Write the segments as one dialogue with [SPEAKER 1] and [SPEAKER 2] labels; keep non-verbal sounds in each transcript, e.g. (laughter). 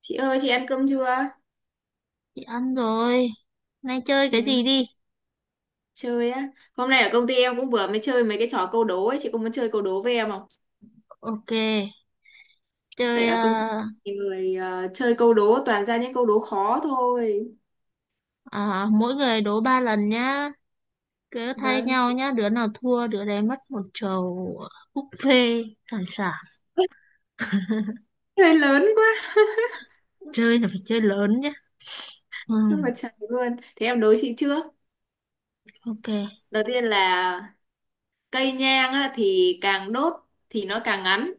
[SPEAKER 1] Chị ơi, chị ăn cơm chưa?
[SPEAKER 2] Chị ăn rồi. Nay chơi cái gì
[SPEAKER 1] Đến
[SPEAKER 2] đi?
[SPEAKER 1] chơi á. Hôm nay ở công ty em cũng vừa mới chơi mấy cái trò câu đố ấy, chị có muốn chơi câu đố với em không?
[SPEAKER 2] Ok,
[SPEAKER 1] Tại
[SPEAKER 2] chơi
[SPEAKER 1] ở công ty
[SPEAKER 2] à,
[SPEAKER 1] thì người chơi câu đố toàn ra những câu đố khó thôi.
[SPEAKER 2] mỗi người đố ba lần nhá. Cứ thay
[SPEAKER 1] Vâng.
[SPEAKER 2] nhau nhá, đứa nào thua đứa đấy mất một chầu buffet hải sản.
[SPEAKER 1] (laughs) Chơi lớn quá,
[SPEAKER 2] Chơi là phải chơi lớn nhá. Ừ,
[SPEAKER 1] nhưng mà trời luôn. Thế em đố chị trước.
[SPEAKER 2] ok.
[SPEAKER 1] Đầu tiên là cây nhang á, thì càng đốt thì nó càng ngắn.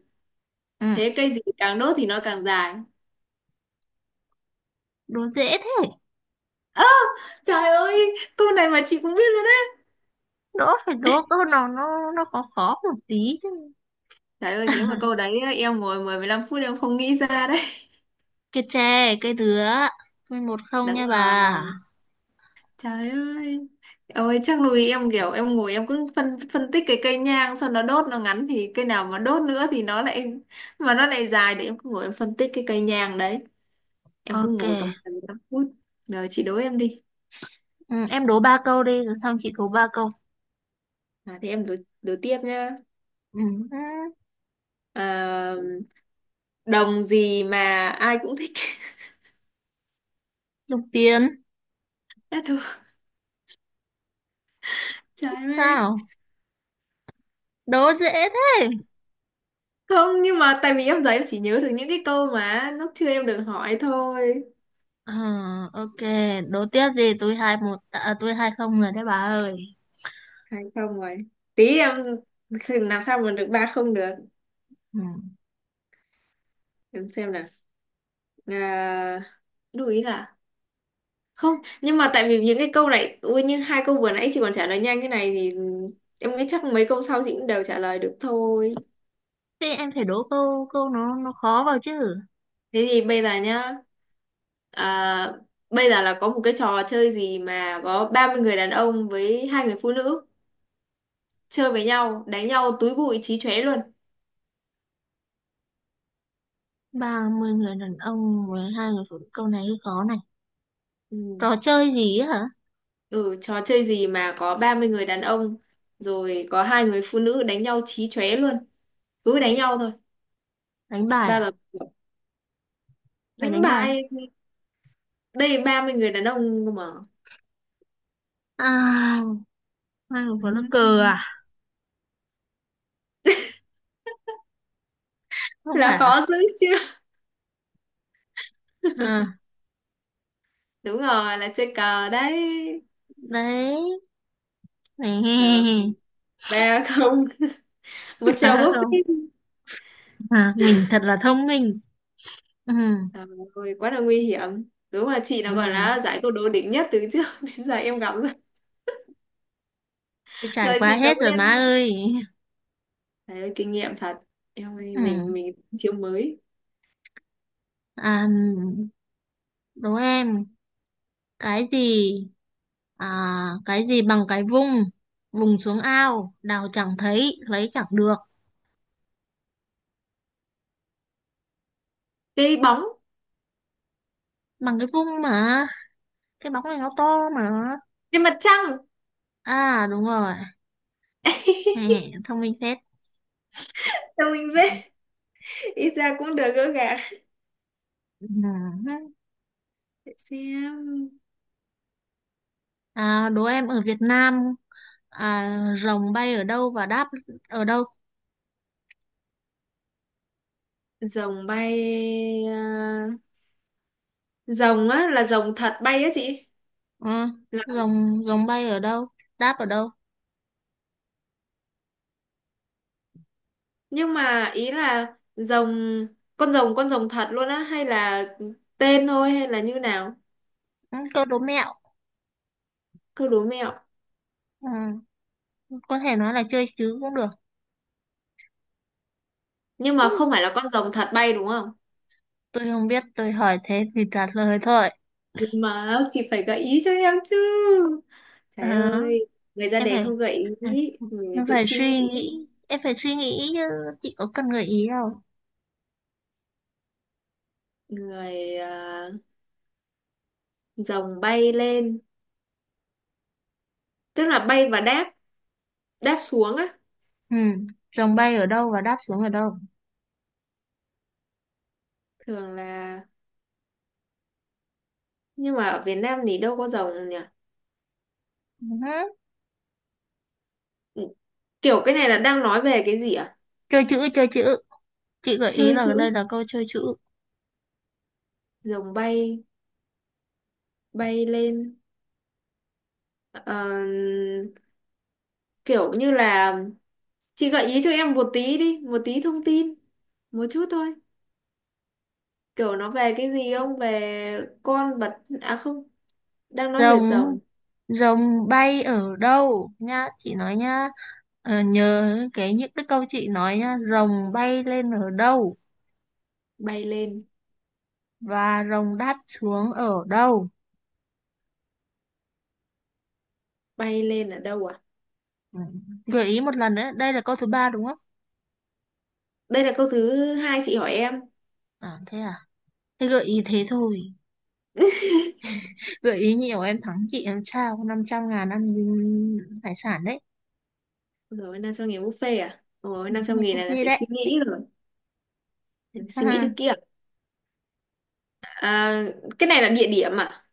[SPEAKER 2] Ừ,
[SPEAKER 1] Thế cây gì càng đốt thì nó càng dài.
[SPEAKER 2] đố dễ thế.
[SPEAKER 1] Ơ, trời ơi, câu này mà chị cũng biết luôn đấy.
[SPEAKER 2] Đố phải đố câu nào nó khó khó một tí chứ.
[SPEAKER 1] Trời ơi, thế mà câu đấy em ngồi mười mười lăm phút em không nghĩ ra đấy.
[SPEAKER 2] Cái chè, cái đứa. 1-0
[SPEAKER 1] Đúng
[SPEAKER 2] nha bà.
[SPEAKER 1] rồi. Trời ơi. Ôi chắc nuôi em kiểu em ngồi em cứ phân phân tích cái cây nhang xong nó đốt nó ngắn thì cây nào mà đốt nữa thì nó lại mà nó lại dài để em cứ ngồi em phân tích cái cây nhang đấy. Em cứ
[SPEAKER 2] Ok.
[SPEAKER 1] ngồi tầm 15 phút. Rồi chị đố em đi.
[SPEAKER 2] Ừ, em đố ba câu đi rồi xong chị đố ba câu.
[SPEAKER 1] À, thì em đố tiếp nhá.
[SPEAKER 2] Ừ, ừ,
[SPEAKER 1] À, đồng gì mà ai cũng thích. (laughs)
[SPEAKER 2] dùng tiền.
[SPEAKER 1] Đã được. Trời ơi.
[SPEAKER 2] Sao? Đố dễ thế.
[SPEAKER 1] Không nhưng mà tại vì em giờ em chỉ nhớ được những cái câu mà lúc chưa em được hỏi thôi.
[SPEAKER 2] Ờ, ok, đố tiếp gì tôi 2-1 tôi 2-0 rồi đấy bà ơi.
[SPEAKER 1] Hay không rồi. Tí em làm sao mà được ba không được.
[SPEAKER 2] Ừ.
[SPEAKER 1] Em xem nào. À, lưu ý là không, nhưng mà tại vì những cái câu này ui như hai câu vừa nãy chị còn trả lời nhanh cái này thì em nghĩ chắc mấy câu sau chị cũng đều trả lời được thôi.
[SPEAKER 2] Thế em phải đố câu câu nó khó vào chứ.
[SPEAKER 1] Thế thì bây giờ nhá. À, bây giờ là có một cái trò chơi gì mà có 30 người đàn ông với hai người phụ nữ chơi với nhau, đánh nhau túi bụi chí chóe luôn.
[SPEAKER 2] 30 người đàn ông với hai người phụ nữ, câu này hơi khó này.
[SPEAKER 1] Ừ.
[SPEAKER 2] Trò chơi gì ấy hả?
[SPEAKER 1] Ừ, trò chơi gì mà có 30 người đàn ông rồi có hai người phụ nữ đánh nhau chí chóe luôn, cứ đánh nhau thôi.
[SPEAKER 2] Đánh bài
[SPEAKER 1] Ba
[SPEAKER 2] à?
[SPEAKER 1] bà
[SPEAKER 2] Phải
[SPEAKER 1] đánh
[SPEAKER 2] đánh bài.
[SPEAKER 1] bài. Đây, 30 người đàn ông cơ mà.
[SPEAKER 2] À, hai người phụ nữ cờ
[SPEAKER 1] Ừ.
[SPEAKER 2] à? Không phải
[SPEAKER 1] Là
[SPEAKER 2] à?
[SPEAKER 1] khó dữ chứ.
[SPEAKER 2] Ờ,
[SPEAKER 1] Đúng rồi, là chơi cờ đấy.
[SPEAKER 2] đấy.
[SPEAKER 1] Rồi
[SPEAKER 2] Nè,
[SPEAKER 1] ba không một
[SPEAKER 2] (laughs)
[SPEAKER 1] chèo
[SPEAKER 2] phải
[SPEAKER 1] búp đi.
[SPEAKER 2] không? À, mình thật là thông minh. Ừ.
[SPEAKER 1] Trời ơi, quá là nguy hiểm, đúng là chị
[SPEAKER 2] Ừ.
[SPEAKER 1] nó gọi là giải câu đố đỉnh nhất từ trước (laughs) đến giờ em gặp rồi.
[SPEAKER 2] Tôi trải
[SPEAKER 1] Rồi
[SPEAKER 2] qua
[SPEAKER 1] chị đầu
[SPEAKER 2] hết rồi má
[SPEAKER 1] tiên.
[SPEAKER 2] ơi.
[SPEAKER 1] Trời ơi, kinh nghiệm thật em ơi,
[SPEAKER 2] Ừ.
[SPEAKER 1] mình chiêu mới.
[SPEAKER 2] À, đố em cái gì, à, cái gì bằng cái vung vùng xuống ao đào chẳng thấy lấy chẳng được.
[SPEAKER 1] Cái bóng.
[SPEAKER 2] Bằng cái vung mà, cái bóng này nó to mà.
[SPEAKER 1] Cái mặt trăng.
[SPEAKER 2] À, đúng rồi. Hè,
[SPEAKER 1] (laughs)
[SPEAKER 2] thông minh phết.
[SPEAKER 1] Cho mình về ít ra cũng được gỡ gạc.
[SPEAKER 2] (laughs) Ừ.
[SPEAKER 1] Để xem.
[SPEAKER 2] À, đố em ở Việt Nam, rồng bay ở đâu và đáp ở đâu?
[SPEAKER 1] Rồng bay à, rồng á là rồng thật bay á chị.
[SPEAKER 2] Ừ. rồng rồng bay ở đâu, đáp ở đâu?
[SPEAKER 1] Nhưng mà ý là rồng, con rồng thật luôn á hay là tên thôi hay là như nào?
[SPEAKER 2] Ừ, câu đố mẹo.
[SPEAKER 1] Cứ đố mẹo.
[SPEAKER 2] Ừ. Có thể nói là chơi chứ cũng được.
[SPEAKER 1] Nhưng mà không phải là con rồng thật bay đúng không?
[SPEAKER 2] Tôi không biết, tôi hỏi thế thì trả lời thôi.
[SPEAKER 1] Nhưng mà chị phải gợi ý cho em chứ. Trời
[SPEAKER 2] À.
[SPEAKER 1] ơi, người ra
[SPEAKER 2] em
[SPEAKER 1] đề
[SPEAKER 2] phải
[SPEAKER 1] không gợi
[SPEAKER 2] ừ,
[SPEAKER 1] ý, người
[SPEAKER 2] em
[SPEAKER 1] tự
[SPEAKER 2] phải
[SPEAKER 1] suy
[SPEAKER 2] suy
[SPEAKER 1] nghĩ,
[SPEAKER 2] nghĩ, em phải suy nghĩ chứ, chị có cần gợi ý đâu.
[SPEAKER 1] người à, rồng bay lên, tức là bay và đáp, đáp xuống á,
[SPEAKER 2] Ừ, dòng bay ở đâu và đáp xuống ở đâu.
[SPEAKER 1] thường là. Nhưng mà ở Việt Nam thì đâu có rồng nhỉ?
[SPEAKER 2] Ừ,
[SPEAKER 1] Ừ, kiểu cái này là đang nói về cái gì à?
[SPEAKER 2] chơi chữ, chơi chữ, chị gợi ý
[SPEAKER 1] Chơi
[SPEAKER 2] là đây
[SPEAKER 1] chữ,
[SPEAKER 2] là câu chơi chữ.
[SPEAKER 1] rồng bay, bay lên. Ờ, kiểu như là chị gợi ý cho em một tí đi, một tí thông tin, một chút thôi. Kiểu nó về cái gì, không về con vật à, không. Đang nói về
[SPEAKER 2] rồng
[SPEAKER 1] rồng.
[SPEAKER 2] rồng bay ở đâu nhá, chị nói nhá. Ờ, nhớ cái những cái câu chị nói nhá, rồng bay lên ở đâu
[SPEAKER 1] bay lên
[SPEAKER 2] và rồng đáp xuống ở đâu.
[SPEAKER 1] bay lên ở đâu à.
[SPEAKER 2] Ừ. Gợi ý một lần nữa, đây là câu thứ ba đúng không?
[SPEAKER 1] Đây là câu thứ hai chị hỏi em.
[SPEAKER 2] À thế à, thế gợi ý thế thôi, gợi ý nhiều em thắng chị, em trao 500.000 ăn hải sản đấy.
[SPEAKER 1] Rồi 500.000 buffet à, rồi năm
[SPEAKER 2] Không,
[SPEAKER 1] trăm nghìn này là
[SPEAKER 2] buffet
[SPEAKER 1] phải
[SPEAKER 2] đấy.
[SPEAKER 1] suy nghĩ rồi. Phải suy nghĩ cho
[SPEAKER 2] À,
[SPEAKER 1] kia à. À, cái này là địa điểm à.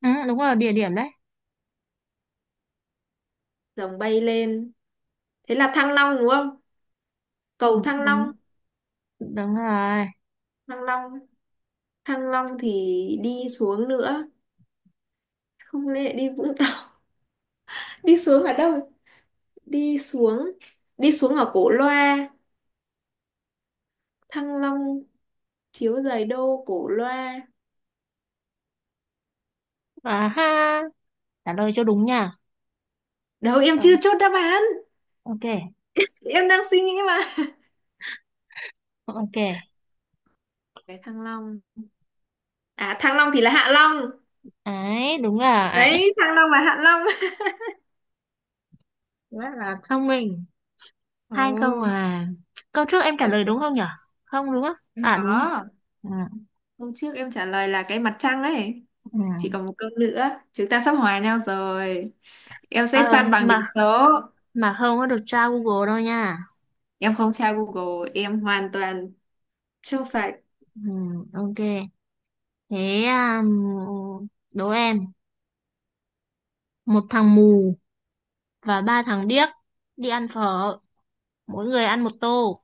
[SPEAKER 2] ừ, đúng rồi, địa điểm đấy.
[SPEAKER 1] Rồng bay lên thế là Thăng Long đúng không,
[SPEAKER 2] Ừ,
[SPEAKER 1] cầu Thăng
[SPEAKER 2] đúng.
[SPEAKER 1] Long.
[SPEAKER 2] Đúng rồi.
[SPEAKER 1] Thăng Long. Thăng Long thì đi xuống nữa, không lẽ đi Vũng Tàu. Đi xuống ở đâu? Đi xuống. Đi xuống ở Cổ Loa. Thăng Long chiếu giày đô Cổ Loa.
[SPEAKER 2] À ha, trả lời cho đúng nha.
[SPEAKER 1] Đâu, em chưa
[SPEAKER 2] Đúng.
[SPEAKER 1] chốt đáp án.
[SPEAKER 2] Ok.
[SPEAKER 1] Em đang suy nghĩ mà.
[SPEAKER 2] Ok.
[SPEAKER 1] Cái Thăng Long. À, Thăng Long thì là Hạ Long.
[SPEAKER 2] Ấy, đúng rồi.
[SPEAKER 1] Đấy, Thăng Long là Hạ Long.
[SPEAKER 2] Rất là thông minh.
[SPEAKER 1] Ồ.
[SPEAKER 2] Hai câu à, câu trước em trả
[SPEAKER 1] Ừ,
[SPEAKER 2] lời
[SPEAKER 1] kiểu
[SPEAKER 2] đúng không nhở? Không đúng á?
[SPEAKER 1] em
[SPEAKER 2] À, đúng rồi.
[SPEAKER 1] có,
[SPEAKER 2] Ừ,
[SPEAKER 1] hôm trước em trả lời là cái mặt trăng ấy. Chỉ
[SPEAKER 2] ừ.
[SPEAKER 1] còn một câu nữa, chúng ta sắp hòa nhau rồi, em sẽ
[SPEAKER 2] Ờ,
[SPEAKER 1] san bằng tỷ
[SPEAKER 2] mà
[SPEAKER 1] số.
[SPEAKER 2] mà không có được tra Google đâu nha.
[SPEAKER 1] Em không tra Google, em hoàn toàn trong sạch.
[SPEAKER 2] Ừ, ok, thế đố em, một thằng mù và ba thằng điếc đi ăn phở, mỗi người ăn một tô,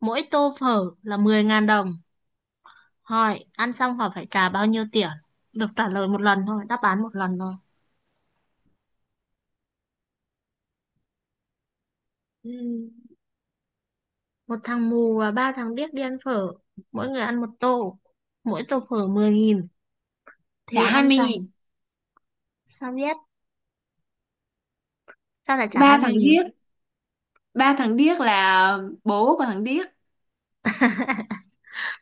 [SPEAKER 2] mỗi tô phở là 10.000 đồng, hỏi ăn xong họ phải trả bao nhiêu tiền. Được trả lời một lần thôi, đáp án một lần thôi.
[SPEAKER 1] Ừ.
[SPEAKER 2] Một thằng mù và ba thằng điếc đi ăn phở, mỗi người ăn một tô, mỗi tô phở 10.000,
[SPEAKER 1] Trả
[SPEAKER 2] thì
[SPEAKER 1] hai
[SPEAKER 2] ăn
[SPEAKER 1] mươi
[SPEAKER 2] xong.
[SPEAKER 1] nghìn
[SPEAKER 2] Sao biết? Sao lại trả hai
[SPEAKER 1] Ba tháng
[SPEAKER 2] mươi nghìn
[SPEAKER 1] tiếp, ba thằng Điếc là bố của thằng Điếc,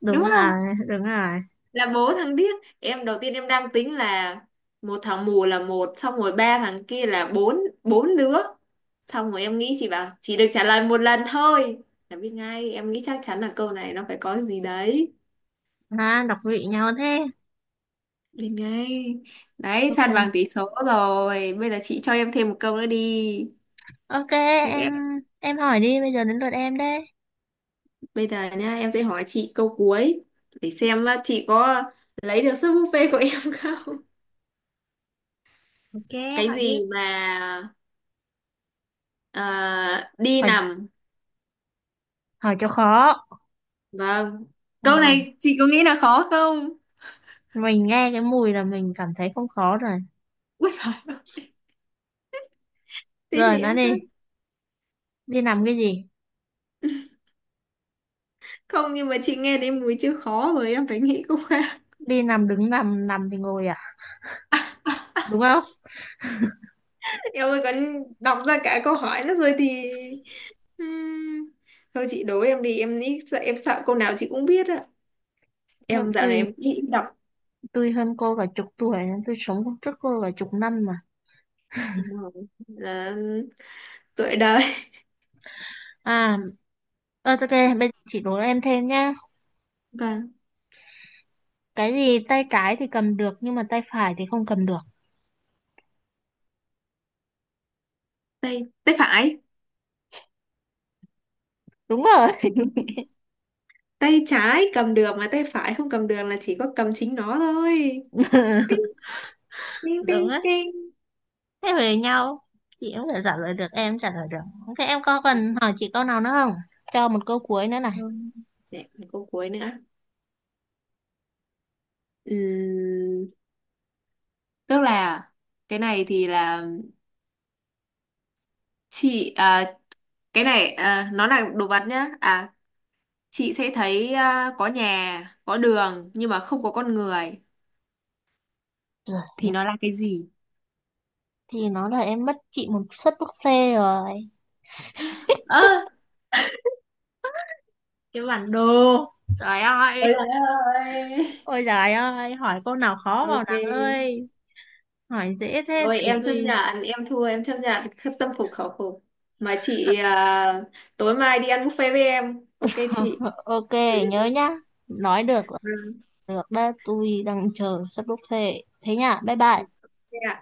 [SPEAKER 2] Đúng
[SPEAKER 1] đúng không?
[SPEAKER 2] rồi. Đúng rồi.
[SPEAKER 1] Là bố thằng Điếc. Em đầu tiên em đang tính là một thằng mù là một, xong rồi ba thằng kia là bốn bốn đứa, xong rồi em nghĩ chị bảo chỉ được trả lời một lần thôi là biết ngay. Em nghĩ chắc chắn là câu này nó phải có gì đấy,
[SPEAKER 2] À, đọc vị nhau thế.
[SPEAKER 1] biết ngay đấy. San bằng
[SPEAKER 2] Ok.
[SPEAKER 1] tỷ số rồi, bây giờ chị cho em thêm một câu nữa đi.
[SPEAKER 2] Ok.
[SPEAKER 1] Thế
[SPEAKER 2] em
[SPEAKER 1] em-
[SPEAKER 2] em hỏi đi, bây giờ đến lượt em đấy.
[SPEAKER 1] Bây giờ nha em sẽ hỏi chị câu cuối, để xem chị có lấy được suất buffet của em không.
[SPEAKER 2] Ok,
[SPEAKER 1] Cái
[SPEAKER 2] hỏi đi.
[SPEAKER 1] gì mà ờ, đi
[SPEAKER 2] Hỏi
[SPEAKER 1] nằm.
[SPEAKER 2] hỏi cho khó.
[SPEAKER 1] Vâng.
[SPEAKER 2] Ờ,
[SPEAKER 1] Câu này chị có nghĩ là khó không?
[SPEAKER 2] mình nghe cái mùi là mình cảm thấy không khó rồi.
[SPEAKER 1] Úi giời, thế
[SPEAKER 2] Rồi
[SPEAKER 1] thì em
[SPEAKER 2] nói đi,
[SPEAKER 1] chết.
[SPEAKER 2] đi nằm cái gì?
[SPEAKER 1] Không, nhưng mà chị nghe đến mùi chữ khó rồi em phải nghĩ cũng ra.
[SPEAKER 2] Đi nằm, đứng nằm, nằm thì ngồi à? Đúng không?
[SPEAKER 1] (laughs) Em ơi còn đọc ra cả câu hỏi nữa rồi thì. Ừm, Thôi chị đố em đi, em nghĩ sợ em sợ câu nào chị cũng biết ạ. Em dạo
[SPEAKER 2] Tôi
[SPEAKER 1] này em nghĩ đọc.
[SPEAKER 2] tôi hơn cô cả chục tuổi, nên tôi sống cùng trước cô cả chục năm mà.
[SPEAKER 1] Đúng rồi. Là tuổi đời.
[SPEAKER 2] À, ok, bây giờ chị đố em thêm nhá.
[SPEAKER 1] Và
[SPEAKER 2] Cái gì tay trái thì cầm được nhưng mà tay phải thì không cầm được.
[SPEAKER 1] tay tay phải.
[SPEAKER 2] Đúng rồi.
[SPEAKER 1] Đúng,
[SPEAKER 2] (laughs)
[SPEAKER 1] tay trái cầm được mà tay phải không cầm được là chỉ có cầm chính nó thôi. Ting
[SPEAKER 2] Đúng
[SPEAKER 1] ting
[SPEAKER 2] đấy.
[SPEAKER 1] ting.
[SPEAKER 2] Thế về nhau. Chị cũng phải trả lời được, em cũng trả lời được. Ok, em có cần hỏi chị câu nào nữa không? Cho một câu cuối nữa này.
[SPEAKER 1] Rồi. Để một câu cuối nữa. Ừm, Tức là cái này thì là, chị à, cái này à, nó là đồ vật nhá. À, chị sẽ thấy à, có nhà, có đường nhưng mà không có con người, thì nó là cái gì?
[SPEAKER 2] Thì nó là em mất chị một suất thuốc xe rồi.
[SPEAKER 1] Ơ,
[SPEAKER 2] Cái bản đồ. Trời ơi.
[SPEAKER 1] ôi trời ơi.
[SPEAKER 2] Ôi trời ơi, hỏi câu nào khó vào nắng
[SPEAKER 1] Ok.
[SPEAKER 2] ơi, hỏi dễ thế
[SPEAKER 1] Rồi
[SPEAKER 2] thì
[SPEAKER 1] em chấp
[SPEAKER 2] tôi.
[SPEAKER 1] nhận, em thua, em chấp nhận khất tâm phục khẩu phục. Mà chị à, tối mai đi ăn buffet với em. Ok chị.
[SPEAKER 2] (laughs) Ok, nhớ nhá. Nói được là
[SPEAKER 1] Ừ.
[SPEAKER 2] được đó, tôi đang chờ sắp bốc xe. Thế nhá, bye bye.
[SPEAKER 1] Ok ạ.